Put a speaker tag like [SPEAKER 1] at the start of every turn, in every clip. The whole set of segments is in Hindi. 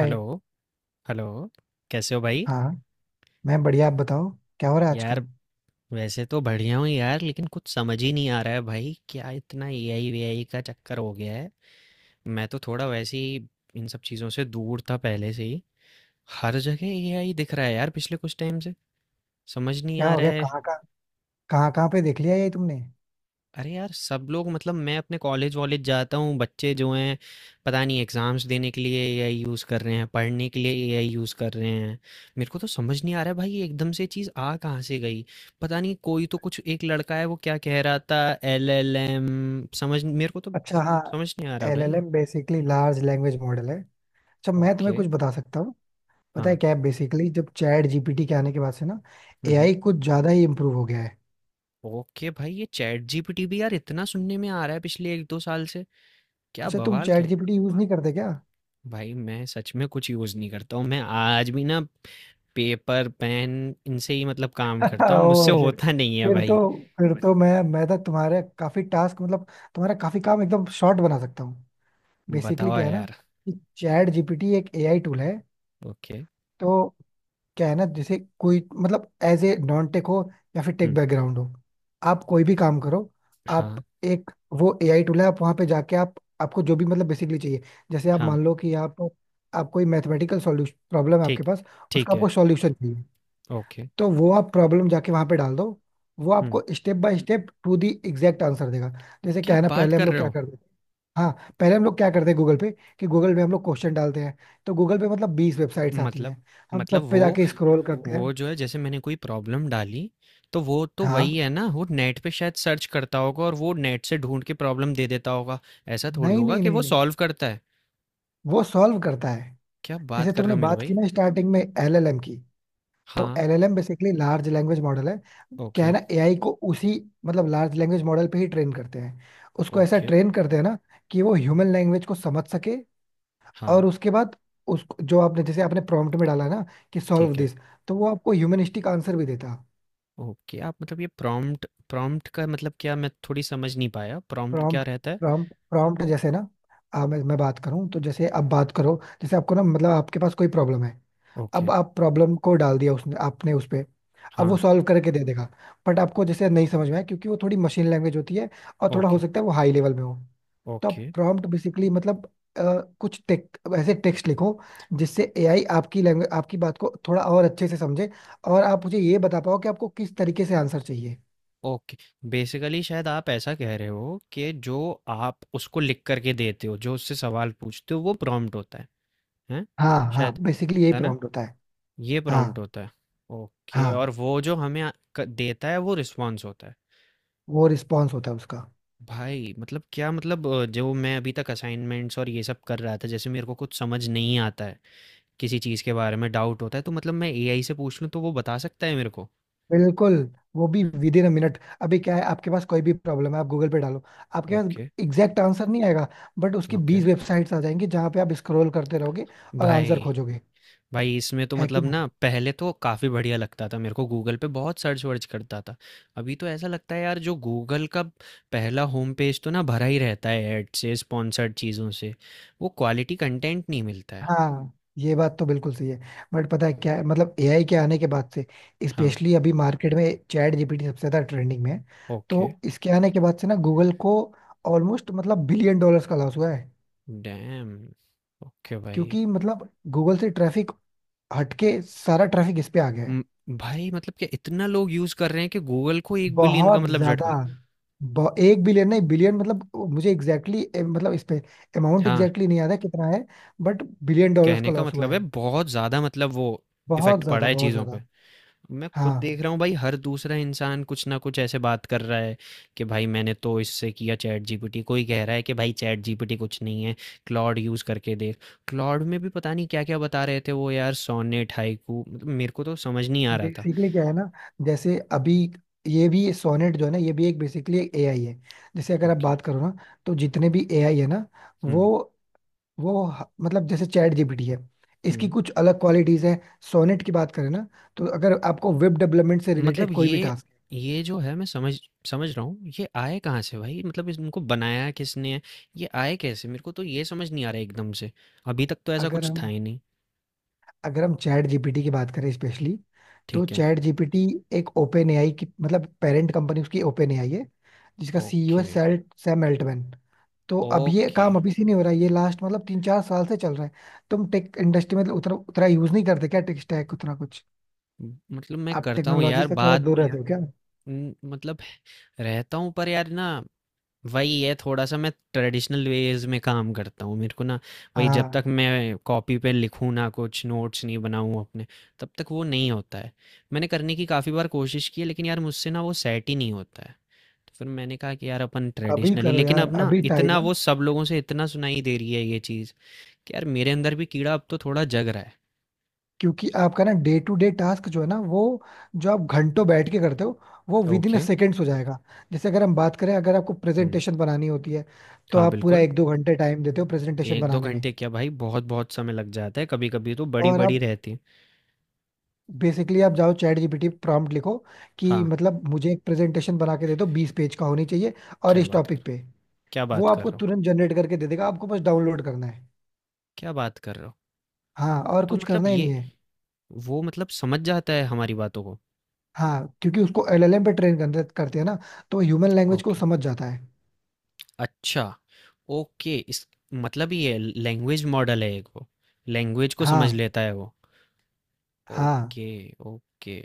[SPEAKER 1] हेलो, हेलो, कैसे हो भाई?
[SPEAKER 2] हाँ, मैं बढ़िया। आप बताओ क्या हो रहा है
[SPEAKER 1] यार
[SPEAKER 2] आजकल।
[SPEAKER 1] वैसे तो बढ़िया हूँ यार लेकिन कुछ समझ ही नहीं आ रहा है भाई क्या इतना एआई वीआई का चक्कर हो गया है। मैं तो थोड़ा वैसे ही इन सब चीज़ों से दूर था पहले से ही। हर जगह एआई दिख रहा है यार पिछले कुछ टाइम से, समझ नहीं
[SPEAKER 2] क्या
[SPEAKER 1] आ
[SPEAKER 2] हो
[SPEAKER 1] रहा
[SPEAKER 2] गया?
[SPEAKER 1] है।
[SPEAKER 2] कहाँ कहाँ? कहाँ कहाँ पे देख लिया ये तुमने?
[SPEAKER 1] अरे यार! सब लोग मतलब मैं अपने कॉलेज वॉलेज जाता हूँ, बच्चे जो हैं पता नहीं एग्ज़ाम्स देने के लिए एआई यूज़ कर रहे हैं, पढ़ने के लिए एआई यूज़ कर रहे हैं। मेरे को तो समझ नहीं आ रहा है भाई ये एकदम से चीज़ आ कहाँ से गई? पता नहीं कोई तो कुछ एक लड़का है वो क्या कह रहा था एलएलएम, समझ मेरे को तो
[SPEAKER 2] अच्छा हाँ।
[SPEAKER 1] समझ नहीं आ रहा
[SPEAKER 2] एल एल
[SPEAKER 1] भाई।
[SPEAKER 2] M basically large language model है। अच्छा, मैं तुम्हें
[SPEAKER 1] ओके।
[SPEAKER 2] कुछ बता सकता हूँ। पता
[SPEAKER 1] हाँ।
[SPEAKER 2] है क्या है, बेसिकली जब चैट जीपीटी के आने के बाद से ना,
[SPEAKER 1] हुँ, हुँ।
[SPEAKER 2] एआई कुछ ज्यादा ही इम्प्रूव हो गया है।
[SPEAKER 1] ओके भाई ये चैट जीपीटी भी यार इतना सुनने में आ रहा है पिछले 1-2 साल से, क्या
[SPEAKER 2] अच्छा, तुम
[SPEAKER 1] बवाल
[SPEAKER 2] चैट
[SPEAKER 1] क्या।
[SPEAKER 2] जीपीटी यूज नहीं करते क्या?
[SPEAKER 1] भाई मैं सच में कुछ यूज़ नहीं करता हूँ। मैं आज भी ना पेपर पेन इनसे ही मतलब काम करता हूँ, मुझसे
[SPEAKER 2] ओह शिट।
[SPEAKER 1] होता नहीं है
[SPEAKER 2] फिर तो
[SPEAKER 1] भाई।
[SPEAKER 2] फिर तो मैं तो तुम्हारे काफी टास्क मतलब तुम्हारा काफी काम एकदम शॉर्ट बना सकता हूँ। बेसिकली
[SPEAKER 1] बताओ
[SPEAKER 2] क्या है ना
[SPEAKER 1] यार।
[SPEAKER 2] कि चैट जीपीटी एक एआई टूल है।
[SPEAKER 1] ओके।
[SPEAKER 2] तो क्या है ना, जैसे कोई मतलब एज ए नॉन टेक हो या फिर टेक
[SPEAKER 1] हुँ,
[SPEAKER 2] बैकग्राउंड हो, आप कोई भी काम करो। आप
[SPEAKER 1] हाँ
[SPEAKER 2] एक वो एआई टूल है। आप वहां पे जाके आप आपको जो भी मतलब बेसिकली चाहिए, जैसे आप
[SPEAKER 1] हाँ।
[SPEAKER 2] मान लो कि आप कोई मैथमेटिकल सॉल्यूशन प्रॉब्लम है आपके
[SPEAKER 1] ठीक,
[SPEAKER 2] पास, उसका
[SPEAKER 1] ठीक है।
[SPEAKER 2] आपको सॉल्यूशन चाहिए,
[SPEAKER 1] ओके।
[SPEAKER 2] तो वो आप प्रॉब्लम जाके वहां पे डाल दो। वो
[SPEAKER 1] हुँ,
[SPEAKER 2] आपको step by step to the exact answer देगा। जैसे
[SPEAKER 1] क्या
[SPEAKER 2] क्या है ना,
[SPEAKER 1] बात
[SPEAKER 2] पहले हम
[SPEAKER 1] कर
[SPEAKER 2] लोग
[SPEAKER 1] रहे
[SPEAKER 2] क्या
[SPEAKER 1] हो।
[SPEAKER 2] करते... हाँ, पहले हम लोग क्या करते हैं गूगल पे। कि गूगल पे हम लोग क्वेश्चन डालते हैं। तो गूगल पे मतलब 20 वेबसाइट्स आती
[SPEAKER 1] मतलब
[SPEAKER 2] हैं। हम
[SPEAKER 1] मतलब
[SPEAKER 2] सब पे
[SPEAKER 1] वो
[SPEAKER 2] जाके स्क्रॉल करते हैं।
[SPEAKER 1] वो जो है जैसे मैंने कोई प्रॉब्लम डाली तो वो तो
[SPEAKER 2] हाँ।
[SPEAKER 1] वही है ना, वो नेट पे शायद सर्च करता होगा और वो नेट से ढूंढ के प्रॉब्लम दे देता होगा। ऐसा थोड़ी
[SPEAKER 2] नहीं
[SPEAKER 1] होगा
[SPEAKER 2] नहीं
[SPEAKER 1] कि
[SPEAKER 2] नहीं
[SPEAKER 1] वो
[SPEAKER 2] नहीं,
[SPEAKER 1] सॉल्व करता है।
[SPEAKER 2] वो सॉल्व करता है।
[SPEAKER 1] क्या बात
[SPEAKER 2] जैसे
[SPEAKER 1] कर रहे
[SPEAKER 2] तुमने
[SPEAKER 1] हो मेरे
[SPEAKER 2] बात की
[SPEAKER 1] भाई।
[SPEAKER 2] ना स्टार्टिंग में एलएलएम की, तो
[SPEAKER 1] हाँ।
[SPEAKER 2] LLM basically large language model है। क्या है
[SPEAKER 1] ओके।
[SPEAKER 2] ना, एआई को उसी मतलब लार्ज लैंग्वेज मॉडल पे ही ट्रेन करते हैं। उसको ऐसा
[SPEAKER 1] ओके।
[SPEAKER 2] ट्रेन करते हैं ना कि वो ह्यूमन लैंग्वेज को समझ सके।
[SPEAKER 1] हाँ।
[SPEAKER 2] और उसके बाद उसको जो आपने, जैसे आपने प्रॉम्प्ट में डाला ना कि सॉल्व
[SPEAKER 1] ठीक है।
[SPEAKER 2] दिस, तो वो आपको ह्यूमनिस्टिक आंसर भी देता।
[SPEAKER 1] ओके, आप मतलब ये प्रॉम्प्ट, प्रॉम्प्ट का मतलब क्या मैं थोड़ी समझ नहीं पाया, प्रॉम्प्ट क्या
[SPEAKER 2] प्रॉम्प्ट।
[SPEAKER 1] रहता है?
[SPEAKER 2] प्रॉम्प्ट, प्रॉम्प्ट जैसे ना, मैं बात करूं तो जैसे आप बात करो, जैसे आपको ना मतलब आपके पास कोई प्रॉब्लम है। अब
[SPEAKER 1] ओके,
[SPEAKER 2] आप प्रॉब्लम को डाल दिया उसने, आपने, उस पे अब वो
[SPEAKER 1] हाँ,
[SPEAKER 2] सॉल्व करके दे देगा। बट आपको जैसे नहीं समझ में आया क्योंकि वो थोड़ी मशीन लैंग्वेज होती है, और थोड़ा हो
[SPEAKER 1] ओके,
[SPEAKER 2] सकता है वो हाई लेवल में हो। तो
[SPEAKER 1] ओके,
[SPEAKER 2] प्रॉम्प्ट बेसिकली मतलब अ, कुछ टेक ऐसे टेक्स्ट लिखो जिससे एआई आपकी लैंग्वेज, आपकी बात को थोड़ा और अच्छे से समझे, और आप मुझे ये बता पाओ कि आपको किस तरीके से आंसर चाहिए।
[SPEAKER 1] ओके। बेसिकली शायद आप ऐसा कह रहे हो कि जो आप उसको लिख कर के देते हो, जो उससे सवाल पूछते हो वो प्रॉम्प्ट होता है, हैं?
[SPEAKER 2] हाँ हाँ,
[SPEAKER 1] शायद,
[SPEAKER 2] बेसिकली यही
[SPEAKER 1] है ना?
[SPEAKER 2] प्रॉम्प्ट होता है।
[SPEAKER 1] ये प्रॉम्प्ट
[SPEAKER 2] हाँ।
[SPEAKER 1] होता है। ओके और
[SPEAKER 2] हाँ,
[SPEAKER 1] वो जो हमें अ, क देता है वो रिस्पॉन्स होता है।
[SPEAKER 2] वो रिस्पॉन्स होता है उसका।
[SPEAKER 1] भाई मतलब क्या मतलब जो मैं अभी तक असाइनमेंट्स और ये सब कर रहा था, जैसे मेरे को कुछ समझ नहीं आता है। किसी चीज़ के बारे में डाउट होता है तो मतलब मैं एआई से पूछ लूँ तो वो बता सकता है मेरे को?
[SPEAKER 2] बिल्कुल, वो भी विद इन अ मिनट। अभी क्या है, आपके पास कोई भी प्रॉब्लम है आप गूगल पे डालो, आपके पास
[SPEAKER 1] ओके,
[SPEAKER 2] एग्जैक्ट आंसर नहीं आएगा। बट उसकी
[SPEAKER 1] ओके।
[SPEAKER 2] 20 वेबसाइट्स आ जाएंगी जहाँ पे आप स्क्रॉल करते रहोगे और आंसर
[SPEAKER 1] भाई,
[SPEAKER 2] खोजोगे।
[SPEAKER 1] भाई इसमें तो
[SPEAKER 2] है कि
[SPEAKER 1] मतलब
[SPEAKER 2] नहीं?
[SPEAKER 1] ना पहले तो काफ़ी बढ़िया लगता था, मेरे को गूगल पे बहुत सर्च-वर्च करता था। अभी तो ऐसा लगता है यार जो गूगल का पहला होम पेज तो ना भरा ही रहता है ऐड से, स्पॉन्सर्ड चीज़ों से। वो क्वालिटी कंटेंट नहीं मिलता है।
[SPEAKER 2] हाँ, ये बात तो बिल्कुल सही है। बट पता है क्या है, मतलब एआई के आने के बाद से
[SPEAKER 1] हाँ।
[SPEAKER 2] स्पेशली अभी मार्केट में चैट जीपीटी सबसे ज्यादा ट्रेंडिंग में है।
[SPEAKER 1] ओके।
[SPEAKER 2] तो इसके आने के बाद से ना, गूगल को ऑलमोस्ट मतलब बिलियन डॉलर्स का लॉस हुआ है।
[SPEAKER 1] डैम! ओके भाई।
[SPEAKER 2] क्योंकि मतलब गूगल से ट्रैफिक हटके सारा ट्रैफिक इस पे आ गया है।
[SPEAKER 1] उम, भाई मतलब क्या इतना लोग यूज़ कर रहे हैं कि गूगल को 1 बिलियन का
[SPEAKER 2] बहुत
[SPEAKER 1] मतलब
[SPEAKER 2] ज्यादा।
[SPEAKER 1] झटका।
[SPEAKER 2] एक बिलियन नहीं, बिलियन मतलब मुझे एग्जैक्टली मतलब इस पे अमाउंट
[SPEAKER 1] हाँ।
[SPEAKER 2] एग्जैक्टली नहीं याद है कितना है, बट बिलियन डॉलर्स
[SPEAKER 1] कहने
[SPEAKER 2] का
[SPEAKER 1] का
[SPEAKER 2] लॉस हुआ
[SPEAKER 1] मतलब है
[SPEAKER 2] है।
[SPEAKER 1] बहुत ज़्यादा मतलब वो
[SPEAKER 2] बहुत
[SPEAKER 1] इफ़ेक्ट पड़ा
[SPEAKER 2] ज्यादा,
[SPEAKER 1] है
[SPEAKER 2] बहुत
[SPEAKER 1] चीज़ों पे।
[SPEAKER 2] ज्यादा।
[SPEAKER 1] मैं खुद
[SPEAKER 2] हाँ,
[SPEAKER 1] देख रहा हूँ भाई हर दूसरा इंसान कुछ ना कुछ ऐसे बात कर रहा है कि भाई मैंने तो इससे किया चैटजीपीटी, कोई कह रहा है कि भाई चैटजीपीटी कुछ नहीं है, क्लॉड यूज़ करके देख। क्लॉड में भी पता नहीं क्या-क्या बता रहे थे वो यार सोनेट, हाइकू, मतलब मेरे को तो समझ नहीं आ रहा था।
[SPEAKER 2] बेसिकली क्या है ना, जैसे अभी ये भी सोनेट जो है ना, ये भी एक बेसिकली एक एआई है। जैसे अगर आप
[SPEAKER 1] ओके।
[SPEAKER 2] बात करो ना, तो जितने भी एआई है ना, वो
[SPEAKER 1] हुँ,
[SPEAKER 2] वो मतलब जैसे चैट जीपीटी है, इसकी
[SPEAKER 1] हुँ।
[SPEAKER 2] कुछ अलग क्वालिटीज है। सोनेट की बात करें ना, तो अगर आपको वेब डेवलपमेंट से रिलेटेड
[SPEAKER 1] मतलब
[SPEAKER 2] कोई भी
[SPEAKER 1] ये
[SPEAKER 2] टास्क...
[SPEAKER 1] ये जो है मैं समझ समझ रहा हूँ ये आए कहाँ से भाई, मतलब इनको बनाया किसने है, ये आए कैसे मेरे को तो ये समझ नहीं आ रहा है एकदम से, अभी तक तो ऐसा
[SPEAKER 2] अगर
[SPEAKER 1] कुछ था
[SPEAKER 2] हम
[SPEAKER 1] ही नहीं।
[SPEAKER 2] अगर हम चैट जीपीटी की बात करें स्पेशली, तो
[SPEAKER 1] ठीक है।
[SPEAKER 2] चैट जीपीटी एक ओपन एआई की मतलब पेरेंट कंपनी उसकी ओपन एआई है, जिसका सीईओ है
[SPEAKER 1] ओके।
[SPEAKER 2] सेल सैम अल्टमैन। तो अब ये
[SPEAKER 1] ओके।
[SPEAKER 2] काम अभी से नहीं हो रहा है, ये लास्ट मतलब 3-4 साल से चल रहा है। तुम टेक इंडस्ट्री में उतना उतना यूज नहीं करते क्या, टेक स्टैक उतना कुछ?
[SPEAKER 1] मतलब मैं
[SPEAKER 2] आप
[SPEAKER 1] करता हूँ
[SPEAKER 2] टेक्नोलॉजी
[SPEAKER 1] यार
[SPEAKER 2] से थोड़ा
[SPEAKER 1] बात।
[SPEAKER 2] दूर रहते हो क्या?
[SPEAKER 1] मतलब रहता हूँ पर यार ना वही है थोड़ा सा, मैं ट्रेडिशनल वेज में काम करता हूँ मेरे को ना वही, जब
[SPEAKER 2] हाँ,
[SPEAKER 1] तक मैं कॉपी पे लिखूँ ना, कुछ नोट्स नहीं बनाऊँ अपने तब तक वो नहीं होता है। मैंने करने की काफ़ी बार कोशिश की है लेकिन यार मुझसे ना वो सेट ही नहीं होता है, तो फिर मैंने कहा कि यार अपन
[SPEAKER 2] अभी
[SPEAKER 1] ट्रेडिशनली,
[SPEAKER 2] करो
[SPEAKER 1] लेकिन
[SPEAKER 2] यार
[SPEAKER 1] अब ना
[SPEAKER 2] अभी टाइम
[SPEAKER 1] इतना
[SPEAKER 2] है।
[SPEAKER 1] वो सब लोगों से इतना सुनाई दे रही है ये चीज़ कि यार मेरे अंदर भी कीड़ा अब तो थोड़ा जग रहा है।
[SPEAKER 2] क्योंकि आपका ना डे टू डे टास्क जो है ना, वो जो आप घंटों बैठ के करते हो, वो विद इन
[SPEAKER 1] ओके।
[SPEAKER 2] सेकेंड्स हो जाएगा। जैसे अगर हम बात करें, अगर आपको
[SPEAKER 1] हम्म।
[SPEAKER 2] प्रेजेंटेशन बनानी होती है, तो
[SPEAKER 1] हाँ
[SPEAKER 2] आप पूरा
[SPEAKER 1] बिल्कुल।
[SPEAKER 2] एक दो घंटे टाइम देते हो प्रेजेंटेशन
[SPEAKER 1] एक दो
[SPEAKER 2] बनाने में।
[SPEAKER 1] घंटे क्या भाई बहुत बहुत समय लग जाता है, कभी कभी तो बड़ी
[SPEAKER 2] और
[SPEAKER 1] बड़ी
[SPEAKER 2] आप
[SPEAKER 1] रहती है।
[SPEAKER 2] बेसिकली आप जाओ चैट जीपीटी प्रॉम्प्ट लिखो कि
[SPEAKER 1] हाँ।
[SPEAKER 2] मतलब मुझे एक प्रेजेंटेशन बना के दे दो 20 पेज का होनी चाहिए और
[SPEAKER 1] क्या
[SPEAKER 2] इस
[SPEAKER 1] बात कर
[SPEAKER 2] टॉपिक पे।
[SPEAKER 1] क्या
[SPEAKER 2] वो
[SPEAKER 1] बात कर
[SPEAKER 2] आपको
[SPEAKER 1] रहा हूँ।
[SPEAKER 2] तुरंत जनरेट करके दे देगा, आपको बस डाउनलोड करना है।
[SPEAKER 1] क्या बात कर रहे हो?
[SPEAKER 2] हाँ, और
[SPEAKER 1] तो
[SPEAKER 2] कुछ
[SPEAKER 1] मतलब
[SPEAKER 2] करना ही नहीं
[SPEAKER 1] ये
[SPEAKER 2] है।
[SPEAKER 1] वो मतलब समझ जाता है हमारी बातों को।
[SPEAKER 2] हाँ क्योंकि उसको एलएलएम पे ट्रेन करते हैं ना, तो ह्यूमन लैंग्वेज को
[SPEAKER 1] ओके।
[SPEAKER 2] समझ जाता है।
[SPEAKER 1] अच्छा, ओके इस मतलब ये लैंग्वेज मॉडल है एक वो। लैंग्वेज को समझ
[SPEAKER 2] हाँ।
[SPEAKER 1] लेता है वो।
[SPEAKER 2] हाँ।
[SPEAKER 1] Okay, okay.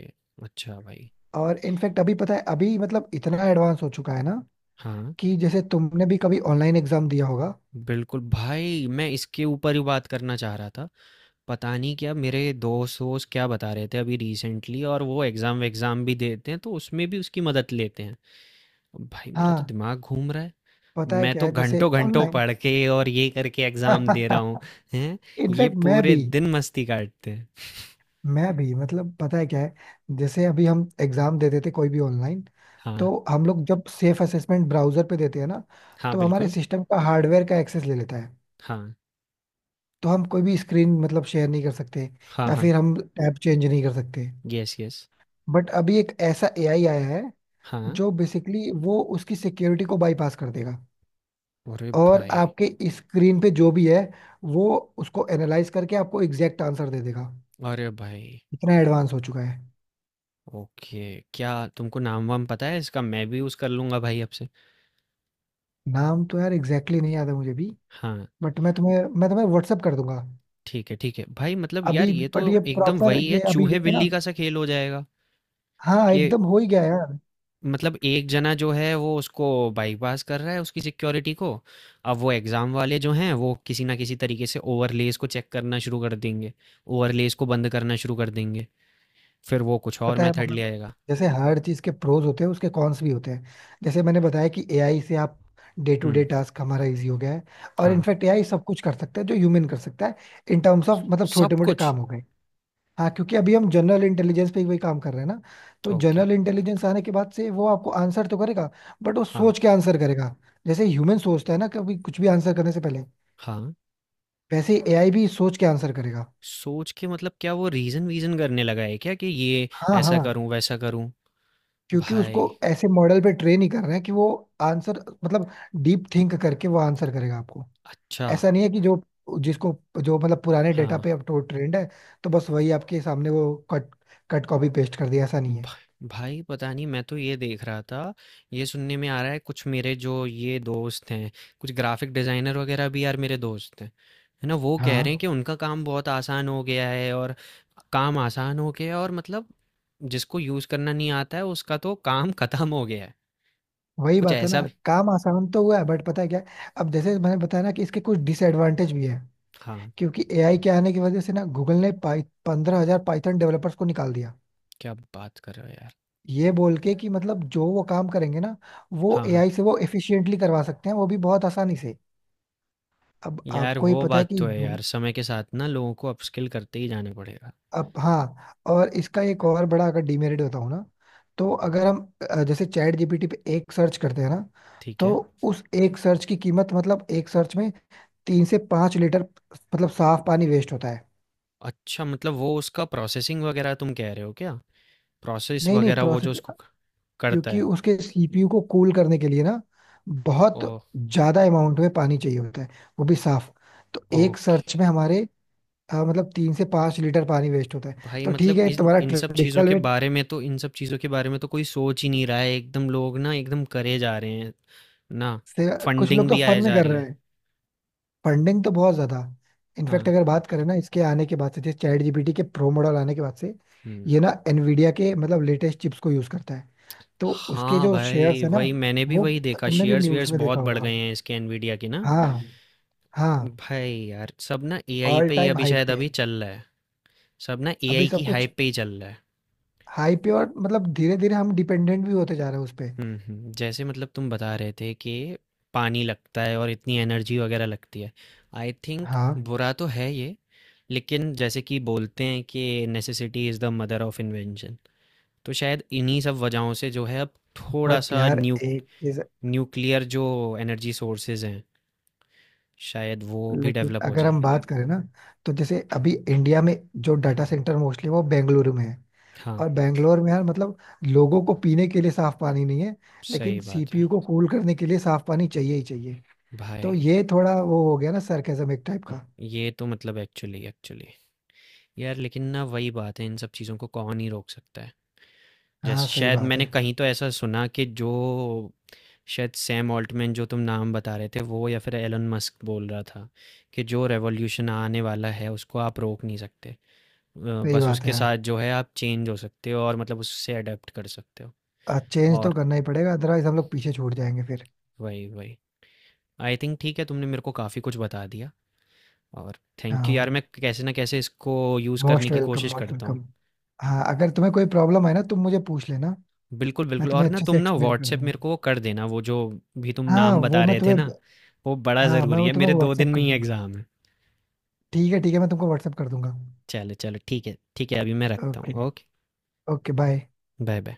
[SPEAKER 1] अच्छा भाई।
[SPEAKER 2] और इनफैक्ट अभी पता है, अभी मतलब इतना एडवांस हो चुका है ना,
[SPEAKER 1] हाँ,
[SPEAKER 2] कि जैसे तुमने भी कभी ऑनलाइन एग्जाम दिया होगा।
[SPEAKER 1] बिल्कुल भाई मैं इसके ऊपर ही बात करना चाह रहा था। पता नहीं क्या मेरे दोस्त-वोस्त क्या बता रहे थे अभी रिसेंटली, और वो एग्ज़ाम-वेग्ज़ाम भी देते हैं तो उसमें भी उसकी मदद लेते हैं। भाई मेरा तो
[SPEAKER 2] हाँ,
[SPEAKER 1] दिमाग घूम रहा है।
[SPEAKER 2] पता है
[SPEAKER 1] मैं
[SPEAKER 2] क्या
[SPEAKER 1] तो
[SPEAKER 2] है, जैसे
[SPEAKER 1] घंटों-घंटों
[SPEAKER 2] ऑनलाइन...
[SPEAKER 1] पढ़ के और ये करके एग्ज़ाम दे रहा हूँ, हैं? ये
[SPEAKER 2] इनफैक्ट मैं
[SPEAKER 1] पूरे
[SPEAKER 2] भी,
[SPEAKER 1] दिन मस्ती काटते हैं।
[SPEAKER 2] मतलब पता है क्या है, जैसे अभी हम एग्जाम देते थे कोई भी ऑनलाइन।
[SPEAKER 1] हाँ,
[SPEAKER 2] तो हम लोग जब सेफ असेसमेंट ब्राउजर पे देते हैं ना,
[SPEAKER 1] हाँ,
[SPEAKER 2] तो हमारे
[SPEAKER 1] बिल्कुल।
[SPEAKER 2] सिस्टम का हार्डवेयर का एक्सेस ले लेता है।
[SPEAKER 1] हाँ,
[SPEAKER 2] तो हम कोई भी स्क्रीन मतलब शेयर नहीं कर सकते,
[SPEAKER 1] हाँ,
[SPEAKER 2] या
[SPEAKER 1] हाँ।
[SPEAKER 2] फिर हम टैब चेंज नहीं कर सकते।
[SPEAKER 1] Yes, yes.
[SPEAKER 2] बट अभी एक ऐसा एआई आया है,
[SPEAKER 1] हाँ।
[SPEAKER 2] जो बेसिकली वो उसकी सिक्योरिटी को बाईपास कर देगा,
[SPEAKER 1] अरे
[SPEAKER 2] और
[SPEAKER 1] भाई!
[SPEAKER 2] आपके स्क्रीन पे जो भी है, वो उसको एनालाइज करके आपको एग्जैक्ट आंसर दे देगा।
[SPEAKER 1] अरे भाई!
[SPEAKER 2] इतना एडवांस हो चुका है।
[SPEAKER 1] ओके, क्या तुमको नाम-वाम पता है इसका? मैं भी यूज़ कर लूँगा भाई अब से।
[SPEAKER 2] नाम तो यार एग्जैक्टली exactly नहीं याद है मुझे भी,
[SPEAKER 1] हाँ,
[SPEAKER 2] बट मैं तुम्हें व्हाट्सअप कर दूंगा।
[SPEAKER 1] ठीक है, ठीक है। भाई मतलब यार
[SPEAKER 2] अभी
[SPEAKER 1] ये तो
[SPEAKER 2] बट ये
[SPEAKER 1] एकदम
[SPEAKER 2] प्रॉपर,
[SPEAKER 1] वही है
[SPEAKER 2] ये अभी जैसे ना...
[SPEAKER 1] चूहे-बिल्ली का सा खेल हो जाएगा।
[SPEAKER 2] हाँ
[SPEAKER 1] ये
[SPEAKER 2] एकदम हो ही गया यार।
[SPEAKER 1] मतलब एक जना जो है वो उसको बाईपास कर रहा है उसकी सिक्योरिटी को, अब वो एग्ज़ाम वाले जो हैं वो किसी ना किसी तरीके से ओवरलेस को चेक करना शुरू कर देंगे, ओवरलेस को बंद करना शुरू कर देंगे, फिर वो कुछ और
[SPEAKER 2] पता है
[SPEAKER 1] मेथड ले
[SPEAKER 2] मतलब,
[SPEAKER 1] आएगा।
[SPEAKER 2] जैसे हर चीज के प्रोज होते हैं उसके कॉन्स भी होते हैं। जैसे मैंने बताया कि एआई से आप day to
[SPEAKER 1] hmm.
[SPEAKER 2] Day task हमारा इजी हो गया है। और
[SPEAKER 1] हाँ
[SPEAKER 2] इनफैक्ट एआई सब कुछ कर सकता है जो ह्यूमन कर सकता है, इन टर्म्स ऑफ मतलब छोटे
[SPEAKER 1] सब
[SPEAKER 2] मोटे
[SPEAKER 1] कुछ।
[SPEAKER 2] काम हो गए। हाँ, क्योंकि अभी हम जनरल इंटेलिजेंस पे ही वही काम कर रहे हैं ना। तो
[SPEAKER 1] ओके।
[SPEAKER 2] जनरल इंटेलिजेंस आने के बाद से वो आपको आंसर तो करेगा, बट वो
[SPEAKER 1] हाँ
[SPEAKER 2] सोच के आंसर करेगा। जैसे ह्यूमन सोचता है ना कभी कुछ भी आंसर करने से पहले,
[SPEAKER 1] हाँ।
[SPEAKER 2] वैसे एआई भी सोच के आंसर करेगा।
[SPEAKER 1] सोच के मतलब क्या वो रीज़न वीज़न करने लगा है क्या कि ये
[SPEAKER 2] हाँ
[SPEAKER 1] ऐसा
[SPEAKER 2] हाँ,
[SPEAKER 1] करूं वैसा करूं।
[SPEAKER 2] क्योंकि उसको
[SPEAKER 1] भाई,
[SPEAKER 2] ऐसे मॉडल पे ट्रेन ही कर रहे हैं कि वो आंसर मतलब डीप थिंक करके वो आंसर करेगा आपको।
[SPEAKER 1] अच्छा।
[SPEAKER 2] ऐसा नहीं है कि जिसको जो मतलब पुराने डेटा
[SPEAKER 1] हाँ।
[SPEAKER 2] पे अब तो ट्रेंड है, तो बस वही आपके सामने वो कट कट कॉपी पेस्ट कर दिया, ऐसा नहीं
[SPEAKER 1] भा
[SPEAKER 2] है।
[SPEAKER 1] भाई पता नहीं मैं तो ये देख रहा था, ये सुनने में आ रहा है कुछ मेरे जो ये दोस्त हैं, कुछ ग्राफिक डिजाइनर वगैरह भी यार मेरे दोस्त हैं, है ना, वो कह
[SPEAKER 2] हाँ
[SPEAKER 1] रहे हैं कि उनका काम बहुत आसान हो गया है और काम आसान हो गया है और मतलब जिसको यूज करना नहीं आता है उसका तो काम खत्म हो गया है।
[SPEAKER 2] वही
[SPEAKER 1] कुछ
[SPEAKER 2] बात है
[SPEAKER 1] ऐसा
[SPEAKER 2] ना,
[SPEAKER 1] भी।
[SPEAKER 2] काम आसान तो हुआ है, बट पता है क्या है? अब जैसे मैंने बताया ना कि इसके कुछ डिसएडवांटेज भी है।
[SPEAKER 1] हाँ।
[SPEAKER 2] क्योंकि एआई के आने की वजह से ना, गूगल ने पाई 15,000 पाइथन डेवलपर्स को निकाल दिया।
[SPEAKER 1] क्या बात कर रहे हो यार।
[SPEAKER 2] ये बोल के कि मतलब जो वो काम करेंगे ना, वो
[SPEAKER 1] हाँ हाँ।
[SPEAKER 2] एआई से वो एफिशिएंटली करवा सकते हैं, वो भी बहुत आसानी से। अब
[SPEAKER 1] यार
[SPEAKER 2] आपको ही
[SPEAKER 1] वो
[SPEAKER 2] पता है
[SPEAKER 1] बात
[SPEAKER 2] कि
[SPEAKER 1] तो है
[SPEAKER 2] जो-
[SPEAKER 1] यार, समय के साथ ना लोगों को अपस्किल करते ही जाना पड़ेगा।
[SPEAKER 2] अब हाँ, और इसका एक और बड़ा अगर डिमेरिट बताऊँ ना, तो अगर हम जैसे चैट जीपीटी पे एक सर्च करते हैं ना,
[SPEAKER 1] ठीक
[SPEAKER 2] तो
[SPEAKER 1] है।
[SPEAKER 2] उस एक सर्च की कीमत मतलब एक सर्च में 3 से 5 लीटर मतलब साफ पानी वेस्ट होता है।
[SPEAKER 1] अच्छा मतलब वो उसका प्रोसेसिंग वगैरह तुम कह रहे हो क्या, प्रोसेस
[SPEAKER 2] नहीं नहीं,
[SPEAKER 1] वगैरह वो जो
[SPEAKER 2] प्रोसेस
[SPEAKER 1] उसको क करता
[SPEAKER 2] क्योंकि
[SPEAKER 1] है।
[SPEAKER 2] उसके सीपीयू को कूल करने के लिए ना बहुत
[SPEAKER 1] ओह!
[SPEAKER 2] ज्यादा अमाउंट में पानी चाहिए होता है, वो भी साफ। तो एक
[SPEAKER 1] ओके।
[SPEAKER 2] सर्च में हमारे मतलब 3 से 5 लीटर पानी वेस्ट होता है।
[SPEAKER 1] भाई
[SPEAKER 2] तो ठीक
[SPEAKER 1] मतलब
[SPEAKER 2] है,
[SPEAKER 1] इन
[SPEAKER 2] तुम्हारा
[SPEAKER 1] इन सब चीज़ों
[SPEAKER 2] ट्रेडिशनल
[SPEAKER 1] के
[SPEAKER 2] वे
[SPEAKER 1] बारे में तो इन सब चीज़ों के बारे में तो कोई सोच ही नहीं रहा है, एकदम लोग ना एकदम करे जा रहे हैं, ना?
[SPEAKER 2] से कुछ लोग
[SPEAKER 1] फंडिंग
[SPEAKER 2] तो
[SPEAKER 1] भी
[SPEAKER 2] फन
[SPEAKER 1] आए
[SPEAKER 2] में
[SPEAKER 1] जा
[SPEAKER 2] कर
[SPEAKER 1] रही
[SPEAKER 2] रहे
[SPEAKER 1] है।
[SPEAKER 2] हैं। फंडिंग तो बहुत ज्यादा। इनफैक्ट
[SPEAKER 1] हाँ।
[SPEAKER 2] अगर बात करें ना, इसके आने के बाद से जैसे चैट जीपीटी के प्रो मॉडल आने के बाद से,
[SPEAKER 1] हुँ।
[SPEAKER 2] ये ना एनवीडिया के मतलब लेटेस्ट चिप्स को यूज करता है। तो उसके
[SPEAKER 1] हाँ
[SPEAKER 2] जो
[SPEAKER 1] भाई,
[SPEAKER 2] शेयर्स है ना,
[SPEAKER 1] वही मैंने भी
[SPEAKER 2] वो
[SPEAKER 1] वही देखा
[SPEAKER 2] तुमने भी न्यूज
[SPEAKER 1] शेयर्स-वेयर्स
[SPEAKER 2] में
[SPEAKER 1] बहुत
[SPEAKER 2] देखा
[SPEAKER 1] बढ़
[SPEAKER 2] होगा।
[SPEAKER 1] गए हैं इसके एनवीडिया के ना।
[SPEAKER 2] हाँ। हाँ।
[SPEAKER 1] भाई यार, सब ना एआई
[SPEAKER 2] ऑल
[SPEAKER 1] पे ही
[SPEAKER 2] टाइम
[SPEAKER 1] अभी
[SPEAKER 2] हाइक
[SPEAKER 1] शायद
[SPEAKER 2] पे
[SPEAKER 1] अभी
[SPEAKER 2] है।
[SPEAKER 1] चल रहा है। सब ना
[SPEAKER 2] अभी
[SPEAKER 1] एआई की
[SPEAKER 2] सब कुछ
[SPEAKER 1] हाइप पे ही चल रहा है।
[SPEAKER 2] हाई पे, और मतलब धीरे धीरे हम डिपेंडेंट भी होते जा रहे हैं उस पे।
[SPEAKER 1] हुँ, हुँ। जैसे मतलब तुम बता रहे थे कि पानी लगता है और इतनी एनर्जी वगैरह लगती है। आई थिंक
[SPEAKER 2] हाँ।
[SPEAKER 1] बुरा तो है ये, लेकिन जैसे कि बोलते हैं कि necessity is the mother of invention. तो शायद इन्हीं सब वजहों से जो है अब
[SPEAKER 2] बट
[SPEAKER 1] थोड़ा-सा
[SPEAKER 2] यार एक चीज,
[SPEAKER 1] न्यूक्लियर जो एनर्जी सोर्सेज़ हैं, शायद वो भी
[SPEAKER 2] लेकिन
[SPEAKER 1] डेवलप हो
[SPEAKER 2] अगर
[SPEAKER 1] जाएँ।
[SPEAKER 2] हम बात करें ना, तो जैसे अभी इंडिया में जो डाटा सेंटर मोस्टली वो बेंगलुरु में है।
[SPEAKER 1] हाँ,
[SPEAKER 2] और बेंगलोर में यार मतलब लोगों को पीने के लिए साफ पानी नहीं है, लेकिन
[SPEAKER 1] सही बात है।
[SPEAKER 2] सीपीयू को कूल करने के लिए साफ पानी चाहिए ही चाहिए। तो
[SPEAKER 1] भाई,
[SPEAKER 2] ये थोड़ा वो हो गया ना, सरकेज़म एक टाइप का।
[SPEAKER 1] ये तो मतलब एक्चुअली एक्चुअली। यार लेकिन ना वही बात है, इन सब चीज़ों को कौन ही रोक सकता है।
[SPEAKER 2] हाँ
[SPEAKER 1] जैसे
[SPEAKER 2] सही
[SPEAKER 1] शायद
[SPEAKER 2] बात है।
[SPEAKER 1] मैंने कहीं तो ऐसा सुना कि जो शायद सैम ऑल्टमैन जो तुम नाम बता रहे थे वो या फिर एलन मस्क बोल रहा था कि जो रेवोल्यूशन आने वाला है उसको आप रोक नहीं सकते,
[SPEAKER 2] सही
[SPEAKER 1] बस
[SPEAKER 2] बात है
[SPEAKER 1] उसके साथ
[SPEAKER 2] यार,
[SPEAKER 1] जो है आप चेंज हो सकते हो और मतलब उससे अडेप्ट कर सकते हो।
[SPEAKER 2] चेंज तो
[SPEAKER 1] और
[SPEAKER 2] करना ही पड़ेगा, अदरवाइज हम लोग पीछे छूट जाएंगे फिर।
[SPEAKER 1] वही वही आई थिंक ठीक है, तुमने मेरे को काफ़ी कुछ बता दिया। और थैंक यू यार
[SPEAKER 2] हाँ,
[SPEAKER 1] मैं कैसे ना कैसे इसको यूज़ करने
[SPEAKER 2] मोस्ट
[SPEAKER 1] की
[SPEAKER 2] वेलकम,
[SPEAKER 1] कोशिश
[SPEAKER 2] मोस्ट
[SPEAKER 1] करता
[SPEAKER 2] वेलकम।
[SPEAKER 1] हूँ।
[SPEAKER 2] हाँ, अगर तुम्हें कोई प्रॉब्लम है ना तुम मुझे पूछ लेना,
[SPEAKER 1] बिल्कुल,
[SPEAKER 2] मैं
[SPEAKER 1] बिल्कुल, और
[SPEAKER 2] तुम्हें
[SPEAKER 1] ना
[SPEAKER 2] अच्छे
[SPEAKER 1] तुम
[SPEAKER 2] से
[SPEAKER 1] ना
[SPEAKER 2] एक्सप्लेन कर
[SPEAKER 1] व्हाट्सएप
[SPEAKER 2] दूंगा।
[SPEAKER 1] मेरे को वो कर देना वो जो भी तुम
[SPEAKER 2] हाँ,
[SPEAKER 1] नाम
[SPEAKER 2] वो
[SPEAKER 1] बता
[SPEAKER 2] मैं
[SPEAKER 1] रहे थे
[SPEAKER 2] तुम्हें...
[SPEAKER 1] ना, वो बड़ा
[SPEAKER 2] हाँ मैं
[SPEAKER 1] ज़रूरी
[SPEAKER 2] वो
[SPEAKER 1] है,
[SPEAKER 2] तुम्हें
[SPEAKER 1] मेरे 2 दिन
[SPEAKER 2] व्हाट्सअप कर
[SPEAKER 1] में ही
[SPEAKER 2] दूंगा।
[SPEAKER 1] एग्ज़ाम है।
[SPEAKER 2] ठीक है, ठीक है, मैं तुमको व्हाट्सअप कर दूंगा।
[SPEAKER 1] चलो, चलो ठीक है अभी मैं रखता
[SPEAKER 2] ओके।
[SPEAKER 1] हूँ। Okay,
[SPEAKER 2] okay bye.
[SPEAKER 1] Bye, bye.